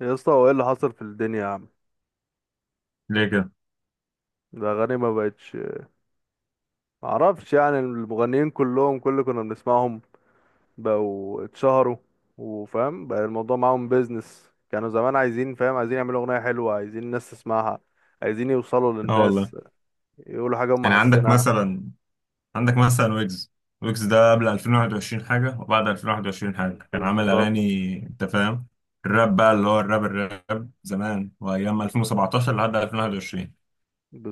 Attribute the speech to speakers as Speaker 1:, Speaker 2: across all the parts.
Speaker 1: يا اسطى، هو ايه اللي حصل في الدنيا يا عم؟
Speaker 2: ليه كده؟
Speaker 1: الاغاني ما بقتش. معرفش، يعني المغنيين كلهم، كل اللي كنا بنسمعهم بقوا اتشهروا. وفاهم بقى الموضوع معاهم، بيزنس. كانوا زمان عايزين، فاهم، عايزين يعملوا اغنيه حلوه، عايزين الناس تسمعها، عايزين يوصلوا
Speaker 2: اه والله.
Speaker 1: للناس، يقولوا حاجه هم
Speaker 2: يعني عندك
Speaker 1: حاسينها.
Speaker 2: مثلا عندك مثلا ويجز ده قبل 2021 حاجة، وبعد 2021 حاجة. كان عامل
Speaker 1: بالظبط.
Speaker 2: أغاني، أنت فاهم؟ الراب بقى، اللي هو الراب زمان، وأيام 2017 لحد 2021.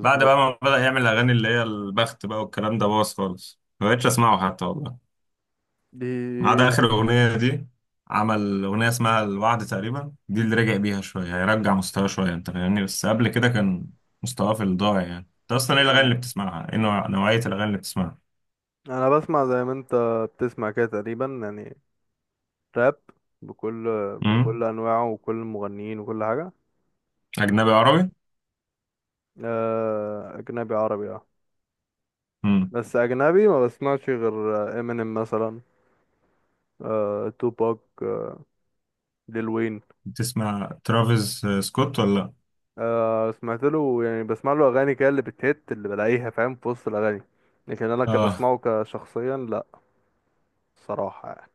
Speaker 2: بعد بقى ما بدأ يعمل أغاني اللي هي البخت بقى، والكلام ده باظ خالص، ما بقتش أسمعه حتى، والله. ما عدا
Speaker 1: دي
Speaker 2: آخر أغنية دي، عمل أغنية اسمها الوعد تقريبا، دي اللي رجع بيها شوية، هيرجع مستواه شوية، أنت فاهمني؟ بس قبل كده كان مستواه في الضاع، يعني. أنت أصلا إيه الأغاني
Speaker 1: يعني،
Speaker 2: اللي بتسمعها؟ إيه نوعية الأغاني اللي بتسمعها؟
Speaker 1: انا بسمع زي ما انت بتسمع كده تقريبا يعني. راب، بكل
Speaker 2: امم
Speaker 1: بكل انواعه وكل المغنيين وكل حاجه.
Speaker 2: أجنبي عربي؟
Speaker 1: آه، اجنبي عربي، اه.
Speaker 2: امم
Speaker 1: بس اجنبي ما بسمعش غير امينيم مثلا. آه، توباك، ليل وين.
Speaker 2: بتسمع ترافيس سكوت ولا لأ؟
Speaker 1: آه، سمعت له، يعني بسمع له اغاني كده، اللي بتهت اللي بلاقيها، فاهم، في وسط الاغاني. لكن انا
Speaker 2: آه.
Speaker 1: كبسمعه كشخصيا لا، صراحة يعني.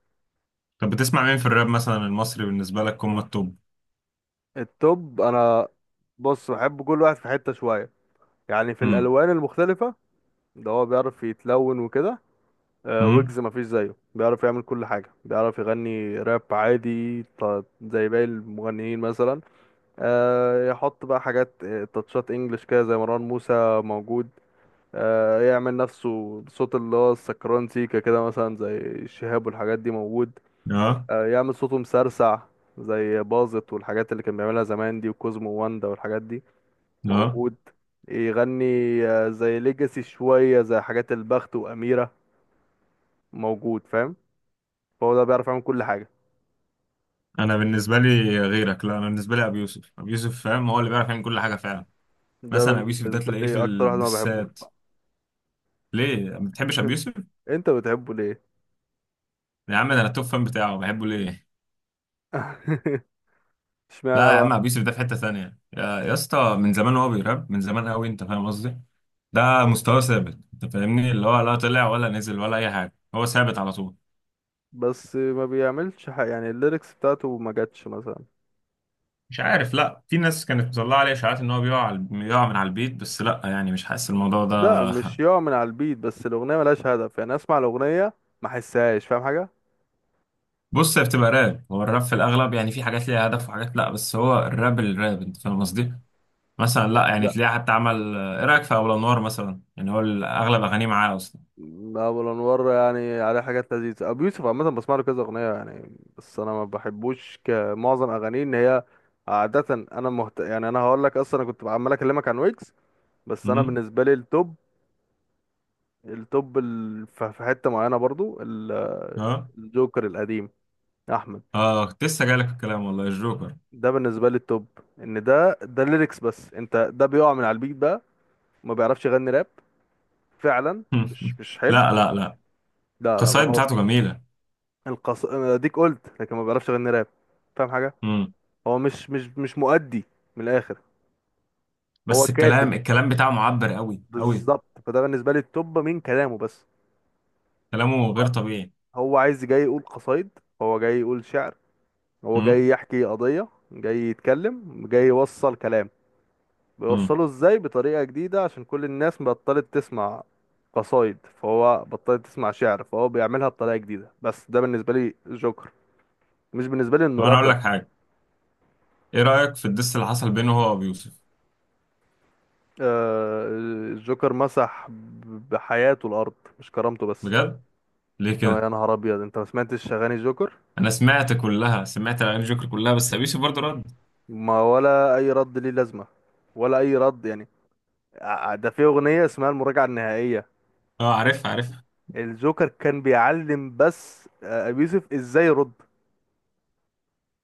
Speaker 2: طب بتسمع مين في الراب مثلا المصري، بالنسبة لك هم التوب؟
Speaker 1: التوب انا، بص بحب كل واحد في حتة شوية، يعني في
Speaker 2: امم
Speaker 1: الالوان المختلفة. ده هو بيعرف يتلون وكده. آه،
Speaker 2: امم
Speaker 1: ويجز مفيش زيه، بيعرف يعمل كل حاجة، بيعرف يغني راب عادي زي باقي المغنيين مثلا. آه، يحط بقى حاجات، تاتشات انجلش كده زي مروان موسى. موجود. آه، يعمل نفسه بصوت اللي هو السكران سيكا كده مثلا، زي الشهاب والحاجات دي. موجود.
Speaker 2: آه.
Speaker 1: آه، يعمل صوته مسرسع، زي باظت والحاجات اللي كان بيعملها زمان دي، وكوزمو واندا والحاجات دي.
Speaker 2: آه.
Speaker 1: موجود. يغني. آه، زي ليجاسي شوية، زي حاجات البخت وأميرة. موجود، فاهم. فهو ده بيعرف يعمل كل حاجة.
Speaker 2: أنا بالنسبة لي غيرك، لا أنا بالنسبة لي أبي يوسف، أبي يوسف، فاهم؟ هو اللي بيعرف يعمل كل حاجة فعلا.
Speaker 1: ده
Speaker 2: مثلا أبي يوسف ده
Speaker 1: بالنسبة
Speaker 2: تلاقيه في
Speaker 1: لي أكتر واحد ما بحبوش
Speaker 2: الدسات.
Speaker 1: بقى.
Speaker 2: ليه ما بتحبش ابو يوسف؟
Speaker 1: أنت بتحبه ليه؟
Speaker 2: يا عم ده انا توب فان بتاعه، بحبه ليه.
Speaker 1: اشمعنى
Speaker 2: لا يا
Speaker 1: بقى؟
Speaker 2: عم، ابو يوسف ده في حته ثانيه، يا اسطى، من زمان هو بيراب، من زمان قوي، انت فاهم قصدي. ده مستواه ثابت، انت فاهمني، اللي هو لا طلع ولا نزل ولا اي حاجه، هو ثابت على طول.
Speaker 1: بس ما بيعملش حاجة، يعني الليركس بتاعته ما جاتش مثلا.
Speaker 2: مش عارف، لا في ناس كانت مطلعه عليه اشاعات ان هو بيقع من على البيت، بس لا يعني مش حاسس الموضوع
Speaker 1: لا
Speaker 2: ده.
Speaker 1: مش يقع من على البيت، بس الأغنية ملهاش هدف، يعني أسمع الأغنية ما أحسهاش، فاهم حاجة؟
Speaker 2: بص هي بتبقى راب، هو الراب في الاغلب يعني في حاجات ليها هدف وحاجات لا، بس هو الراب، الراب، انت فاهم قصدي. مثلا لا يعني
Speaker 1: لا.
Speaker 2: تلاقيه حتى عمل ايه رايك في اول انوار مثلا، يعني هو اغلب اغانيه معاه.
Speaker 1: أبو الأنوار يعني عليه حاجات لذيذة. أبو يوسف عامة بسمع له كذا أغنية يعني، بس أنا ما بحبوش كمعظم أغانيه، إن هي عادة. يعني أنا هقول لك، أصلا أنا كنت عمال أكلمك عن ويجز. بس أنا
Speaker 2: اصلا.
Speaker 1: بالنسبة لي التوب، في حتة معينة برضو
Speaker 2: اه
Speaker 1: الجوكر القديم، أحمد.
Speaker 2: اه، كنت لسه جايلك في الكلام، والله الجوكر.
Speaker 1: ده بالنسبه لي التوب، ان ده الليركس. بس انت ده بيقع من على البيت بقى، ما بيعرفش يغني راب، فعلا. مش حلو.
Speaker 2: لا لا لا.
Speaker 1: لا لا، ما
Speaker 2: القصايد
Speaker 1: هو
Speaker 2: بتاعته جميلة.
Speaker 1: القص، اديك قلت، لكن ما بيعرفش يغني راب، فاهم حاجه.
Speaker 2: مم.
Speaker 1: هو مش مؤدي، من الاخر. هو
Speaker 2: بس
Speaker 1: كاتب،
Speaker 2: الكلام بتاعه معبر قوي قوي.
Speaker 1: بالظبط، فده بالنسبه لي التوب من كلامه بس.
Speaker 2: كلامه غير
Speaker 1: هو
Speaker 2: طبيعي.
Speaker 1: هو عايز جاي يقول قصايد، هو جاي يقول شعر، هو جاي
Speaker 2: مم.
Speaker 1: يحكي قضيه، جاي يتكلم، جاي يوصل كلام.
Speaker 2: مم.
Speaker 1: بيوصله ازاي؟ بطريقة جديدة، عشان كل الناس بطلت تسمع قصايد، فهو بطلت تسمع شعر، فهو بيعملها بطريقة جديدة. بس ده بالنسبة لي جوكر، مش بالنسبة لي انه
Speaker 2: طب انا اقول
Speaker 1: رابر.
Speaker 2: لك حاجة، ايه رأيك في الدس اللي حصل بينه هو وابي يوسف؟
Speaker 1: آه، الجوكر مسح بحياته الارض، مش كرامته بس.
Speaker 2: بجد؟ ليه
Speaker 1: انت يا
Speaker 2: كده؟
Speaker 1: نهار ابيض، انت ما سمعتش اغاني جوكر؟
Speaker 2: انا سمعت كلها، سمعت اغاني الجوكر كلها، بس ابي يوسف برضه رد.
Speaker 1: ما ولا اي رد ليه لازمة، ولا اي رد يعني. ده في اغنية اسمها المراجعة النهائية،
Speaker 2: اه عارفها، عارفها.
Speaker 1: الجوكر كان بيعلم بس، آه، ابي يوسف ازاي يرد.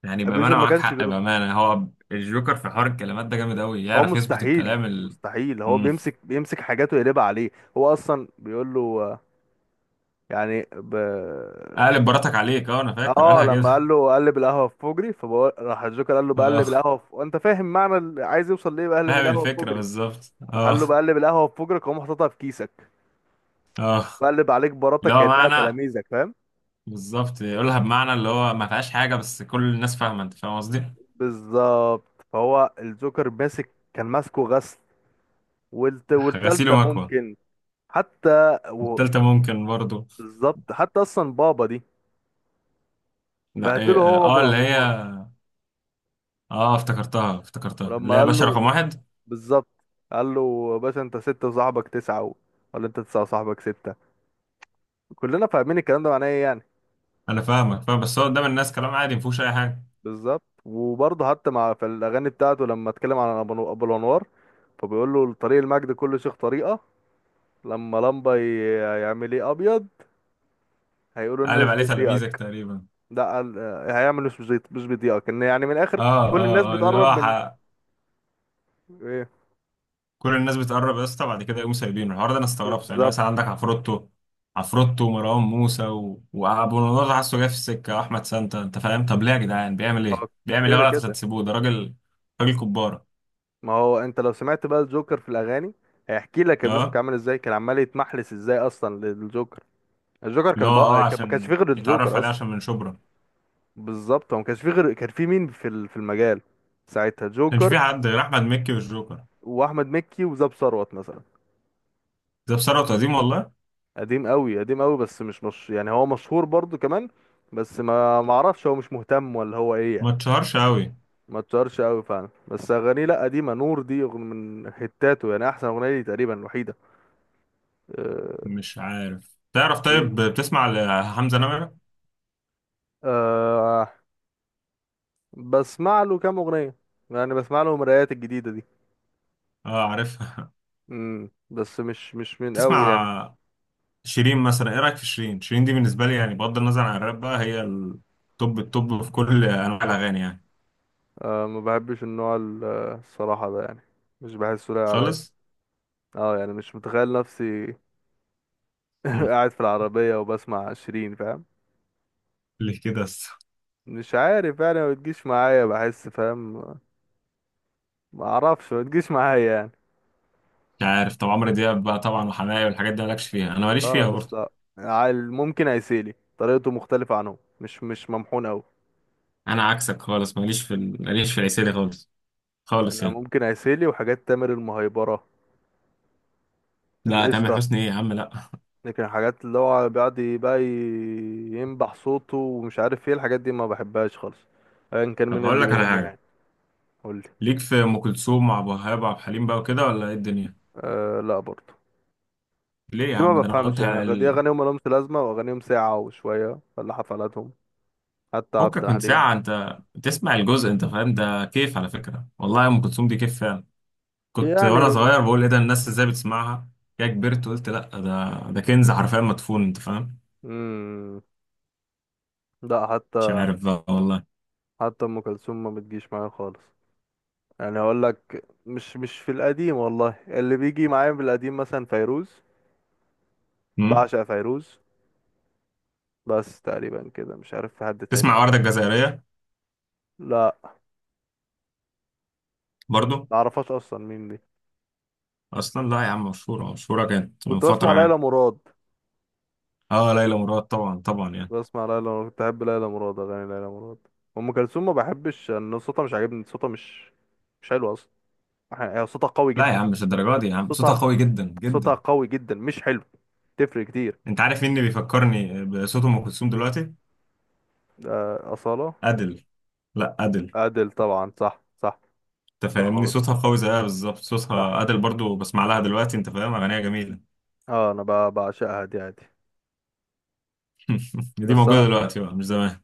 Speaker 2: يعني
Speaker 1: ابي يوسف
Speaker 2: بأمانة
Speaker 1: ما
Speaker 2: معاك
Speaker 1: كانش
Speaker 2: حق،
Speaker 1: بيرد،
Speaker 2: بأمانة هو الجوكر في حوار الكلمات ده جامد قوي،
Speaker 1: هو
Speaker 2: يعرف يظبط
Speaker 1: مستحيل
Speaker 2: الكلام.
Speaker 1: مستحيل. هو
Speaker 2: مم.
Speaker 1: بيمسك حاجاته يقلبها عليه. هو اصلا بيقول له، يعني ب...
Speaker 2: قالب براتك عليك، اه انا فاكر
Speaker 1: اه
Speaker 2: قالها
Speaker 1: لما قال
Speaker 2: كده.
Speaker 1: له قلب القهوه في فجري، فبقول راح الجوكر قال له بقلب
Speaker 2: اه
Speaker 1: القهوه في... وانت فاهم معنى اللي عايز يوصل ليه، بقلب
Speaker 2: فاهم
Speaker 1: القهوه في
Speaker 2: الفكرة
Speaker 1: فجري.
Speaker 2: بالظبط،
Speaker 1: راح قال له
Speaker 2: اه.
Speaker 1: بقلب القهوه في فجرك واقوم حاططها في كيسك،
Speaker 2: اه
Speaker 1: بقلب عليك
Speaker 2: اللي
Speaker 1: براتك
Speaker 2: هو
Speaker 1: كانها
Speaker 2: معنى،
Speaker 1: تلاميذك، فاهم.
Speaker 2: بالظبط يقولها بمعنى اللي هو ما فيهاش حاجة، بس كل الناس فاهمة، انت فاهم قصدي؟
Speaker 1: بالظبط، فهو الجوكر ماسك، كان ماسكه غسل،
Speaker 2: غسيل
Speaker 1: والتالتة
Speaker 2: ومكوى.
Speaker 1: ممكن. حتى و...
Speaker 2: والتالتة ممكن برضو.
Speaker 1: بالظبط، حتى اصلا بابا دي،
Speaker 2: لا ايه،
Speaker 1: بهدله
Speaker 2: اه،
Speaker 1: هو
Speaker 2: اللي هي،
Speaker 1: بالانوار،
Speaker 2: اه افتكرتها، افتكرتها
Speaker 1: ولما
Speaker 2: اللي هي
Speaker 1: قال
Speaker 2: باشا
Speaker 1: له،
Speaker 2: رقم واحد.
Speaker 1: بالظبط، قال له يا باشا انت ستة وصاحبك تسعة و... ولا انت تسعة وصاحبك ستة، كلنا فاهمين الكلام ده معناه ايه يعني.
Speaker 2: انا فاهمك فاهم، بس هو قدام الناس كلام عادي مفهوش اي حاجة.
Speaker 1: بالظبط. وبرضه حتى مع في الاغاني بتاعته لما اتكلم عن ابو أبو الانوار، فبيقول له طريق المجد كل شيخ طريقة. لما لمبة يعمل ايه ابيض، هيقولوا
Speaker 2: قلب
Speaker 1: الناس
Speaker 2: عليه تلاميذك
Speaker 1: بيطيقك.
Speaker 2: تقريبا.
Speaker 1: ده قال- هيعمل مش بيطيقك، ان يعني من الاخر
Speaker 2: اه
Speaker 1: كل الناس
Speaker 2: اه اه، اللي هو
Speaker 1: بتقرب من ايه.
Speaker 2: كل الناس بتقرب يا اسطى، بعد كده يقوموا سايبينه. الحوار ده انا استغربته، يعني
Speaker 1: بالظبط.
Speaker 2: مثلا عندك عفروتو ومروان موسى وابو النضر، حاسه جاي في السكه، احمد سانتا، انت فاهم. طب ليه يا جدعان؟ بيعمل ايه،
Speaker 1: اه،
Speaker 2: بيعمل ايه
Speaker 1: كده
Speaker 2: غلط عشان
Speaker 1: كده.
Speaker 2: تسيبوه؟ ده راجل، راجل كباره.
Speaker 1: ما هو انت لو سمعت بقى الجوكر في الاغاني، هيحكي لك ابو يوسف كان
Speaker 2: اه،
Speaker 1: عامل ازاي، كان عمال يتمحلس ازاي اصلا للجوكر. الجوكر
Speaker 2: اللي هو
Speaker 1: كان بقى ما كانش فيه
Speaker 2: عشان
Speaker 1: غير
Speaker 2: يتعرف
Speaker 1: الجوكر
Speaker 2: عليه،
Speaker 1: اصلا.
Speaker 2: عشان من شبرا. ما
Speaker 1: بالظبط، هو ما كانش فيه غير، كان فيه مين في في المجال ساعتها؟
Speaker 2: كانش
Speaker 1: جوكر
Speaker 2: في حد غير احمد مكي والجوكر.
Speaker 1: واحمد مكي وزاب ثروت مثلا.
Speaker 2: ده بثروه وتقديم والله.
Speaker 1: قديم قوي، قديم قوي، بس مش مش يعني، هو مشهور برضو كمان، بس ما اعرفش، هو مش مهتم ولا هو ايه يعني.
Speaker 2: ما اتشهرش قوي.
Speaker 1: ما اتشهرش قوي فعلا، بس اغانيه لا، قديمه، نور دي أغن- من هتاته، يعني احسن اغنيه لي تقريبا الوحيده. أه،
Speaker 2: مش عارف، تعرف؟ طيب بتسمع لحمزه نمره؟
Speaker 1: دي بسمع له كام اغنيه يعني، بسمع له المرايات الجديده دي.
Speaker 2: اه عارفها.
Speaker 1: امم، بس مش مش من قوي يعني.
Speaker 2: تسمع شيرين مثلا؟ ايه رايك في شيرين؟ شيرين دي بالنسبه لي يعني، بغض النظر عن الراب بقى، هي التوب التوب في كل انواع الاغاني يعني.
Speaker 1: آه ما بحبش النوع آه، الصراحه ده يعني، مش بحسه لايق عليا.
Speaker 2: خالص.
Speaker 1: اه يعني مش متخيل نفسي
Speaker 2: مم.
Speaker 1: قاعد في العربيه وبسمع شيرين، فاهم.
Speaker 2: ليه كده بس؟
Speaker 1: مش عارف يعني، ما بتجيش معايا، بحس فاهم، ما اعرفش، ما بتجيش معايا يعني.
Speaker 2: مش عارف. طب عمرو دياب بقى طبعا وحماية والحاجات دي مالكش فيها؟ انا ماليش فيها
Speaker 1: خالص
Speaker 2: برضه.
Speaker 1: لا. ممكن عسيلي، طريقته مختلفه عنهم، مش مش ممحون قوي.
Speaker 2: انا عكسك خالص، ماليش في العسيلي خالص. خالص
Speaker 1: انا
Speaker 2: يعني.
Speaker 1: ممكن عسيلي، وحاجات تامر المهيبره،
Speaker 2: لا تامر
Speaker 1: القشطه.
Speaker 2: حسني ايه يا عم، لا.
Speaker 1: لكن الحاجات اللي هو بيقعد بقى ينبح صوته، ومش عارف ايه الحاجات دي، ما بحبهاش خالص، ايا كان
Speaker 2: طب
Speaker 1: مين
Speaker 2: هقول
Speaker 1: اللي
Speaker 2: لك على
Speaker 1: بيغنيها
Speaker 2: حاجه،
Speaker 1: يعني. قولي.
Speaker 2: ليك في ام كلثوم وعبد الوهاب وعبد الحليم بقى وكده ولا ايه الدنيا؟
Speaker 1: أه لا برضه.
Speaker 2: ليه يا
Speaker 1: دي ما
Speaker 2: عم؟ ده انا
Speaker 1: بفهمش
Speaker 2: قلت
Speaker 1: يعني،
Speaker 2: على
Speaker 1: دي اغانيهم ملهمش لازمه، واغانيهم ساعه وشويه، ولا حفلاتهم، حتى عبد
Speaker 2: فكك من
Speaker 1: الحليم
Speaker 2: ساعه انت، تسمع الجزء انت فاهم ده كيف، على فكره والله ام كلثوم دي كيف فعلا. كنت وانا
Speaker 1: يعني.
Speaker 2: صغير بقول ايه ده، الناس ازاي بتسمعها. كده كبرت، قلت لا، ده كنز حرفيا مدفون، انت فاهم.
Speaker 1: امم. لا،
Speaker 2: مش
Speaker 1: حتى
Speaker 2: عارف بقى والله.
Speaker 1: حتى ام كلثوم ما بتجيش معايا خالص. يعني هقول لك، مش مش في القديم والله، اللي بيجي معايا في القديم مثلا فيروز،
Speaker 2: امم
Speaker 1: بعشق فيروز، بس تقريبا كده مش عارف في حد تاني
Speaker 2: تسمع
Speaker 1: ولا.
Speaker 2: وردة الجزائرية؟
Speaker 1: لا،
Speaker 2: برضو.
Speaker 1: ما اعرفهاش اصلا مين دي.
Speaker 2: اصلا لا يا عم، مشهورة مشهورة، كانت من
Speaker 1: كنت بسمع
Speaker 2: فترة يعني.
Speaker 1: ليلى مراد،
Speaker 2: اه ليلى مراد، طبعا طبعا، يعني.
Speaker 1: بسمع ليلى مراد، كنت احب ليلى مراد، اغاني ليلى مراد. ام كلثوم ما بحبش، ان صوتها مش عاجبني، صوتها مش مش حلو اصلا. يعني هي صوتها قوي
Speaker 2: لا يا
Speaker 1: جدا،
Speaker 2: عم مش الدرجة دي يا عم، صوتها
Speaker 1: صوتها،
Speaker 2: قوي جدا
Speaker 1: صوتها
Speaker 2: جدا.
Speaker 1: قوي جدا، مش حلو، تفرق كتير.
Speaker 2: انت عارف مين اللي بيفكرني بصوت ام كلثوم دلوقتي؟
Speaker 1: آه، أصالة.
Speaker 2: ادل. لا ادل.
Speaker 1: أدل طبعا، صح صح.
Speaker 2: انت
Speaker 1: صوتها
Speaker 2: فاهمني؟
Speaker 1: قوي،
Speaker 2: صوتها قوي زيها بالظبط،
Speaker 1: صح.
Speaker 2: صوتها ادل برضو، بسمع لها دلوقتي، انت فاهم، اغانيها جميلة.
Speaker 1: اه انا بعشقها دي عادي.
Speaker 2: دي
Speaker 1: بس
Speaker 2: موجودة
Speaker 1: انا،
Speaker 2: دلوقتي بقى، مش زمان.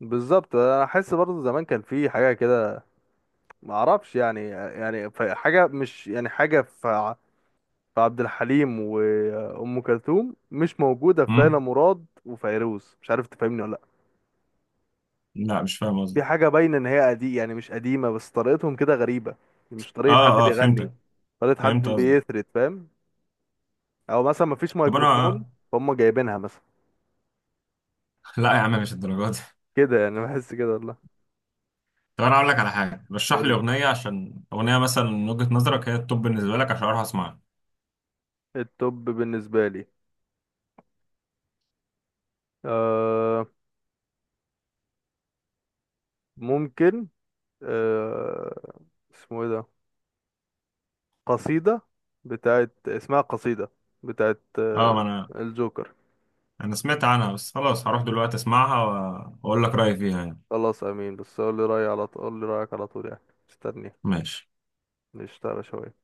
Speaker 1: بالظبط، انا احس برضه زمان كان في حاجه كده، ما اعرفش يعني، يعني حاجه، مش يعني حاجه. فعبد الحليم وأم كلثوم مش موجودة في ليلى
Speaker 2: امم
Speaker 1: مراد وفيروز، مش عارف تفهمني ولا لأ.
Speaker 2: لا مش فاهم
Speaker 1: في
Speaker 2: قصدك.
Speaker 1: حاجة باينة إن هي قديم، يعني مش قديمة، بس طريقتهم كده غريبة، يعني مش طريقة حد
Speaker 2: اه اه
Speaker 1: بيغني،
Speaker 2: فهمتك.
Speaker 1: طريقة حد
Speaker 2: فهمت قصدك.
Speaker 1: بيثرت، فاهم. أو مثلا مفيش
Speaker 2: طب
Speaker 1: ميكروفون،
Speaker 2: انا
Speaker 1: فهم جايبينها مثلا
Speaker 2: لا يا عم مش الدرجات دي.
Speaker 1: كده يعني، بحس كده والله.
Speaker 2: طب انا اقول لك على حاجه، رشح لي
Speaker 1: قول.
Speaker 2: اغنيه، عشان اغنيه مثلا من وجهه نظرك هي التوب بالنسبه لك، عشان اروح اسمعها.
Speaker 1: التوب بالنسبة لي، آه، ممكن، آه، اسمه ايه ده، قصيدة، بتاعت، اسمها قصيدة، بتاعت
Speaker 2: اه
Speaker 1: آه،
Speaker 2: ما انا
Speaker 1: الجوكر.
Speaker 2: انا سمعت عنها، بس خلاص هروح دلوقتي اسمعها، واقول لك رايي فيها يعني.
Speaker 1: خلاص امين، بس قول لي رايي على طول، قول لي رايك على طول يعني. استني،
Speaker 2: ماشي.
Speaker 1: نشتغل شويه.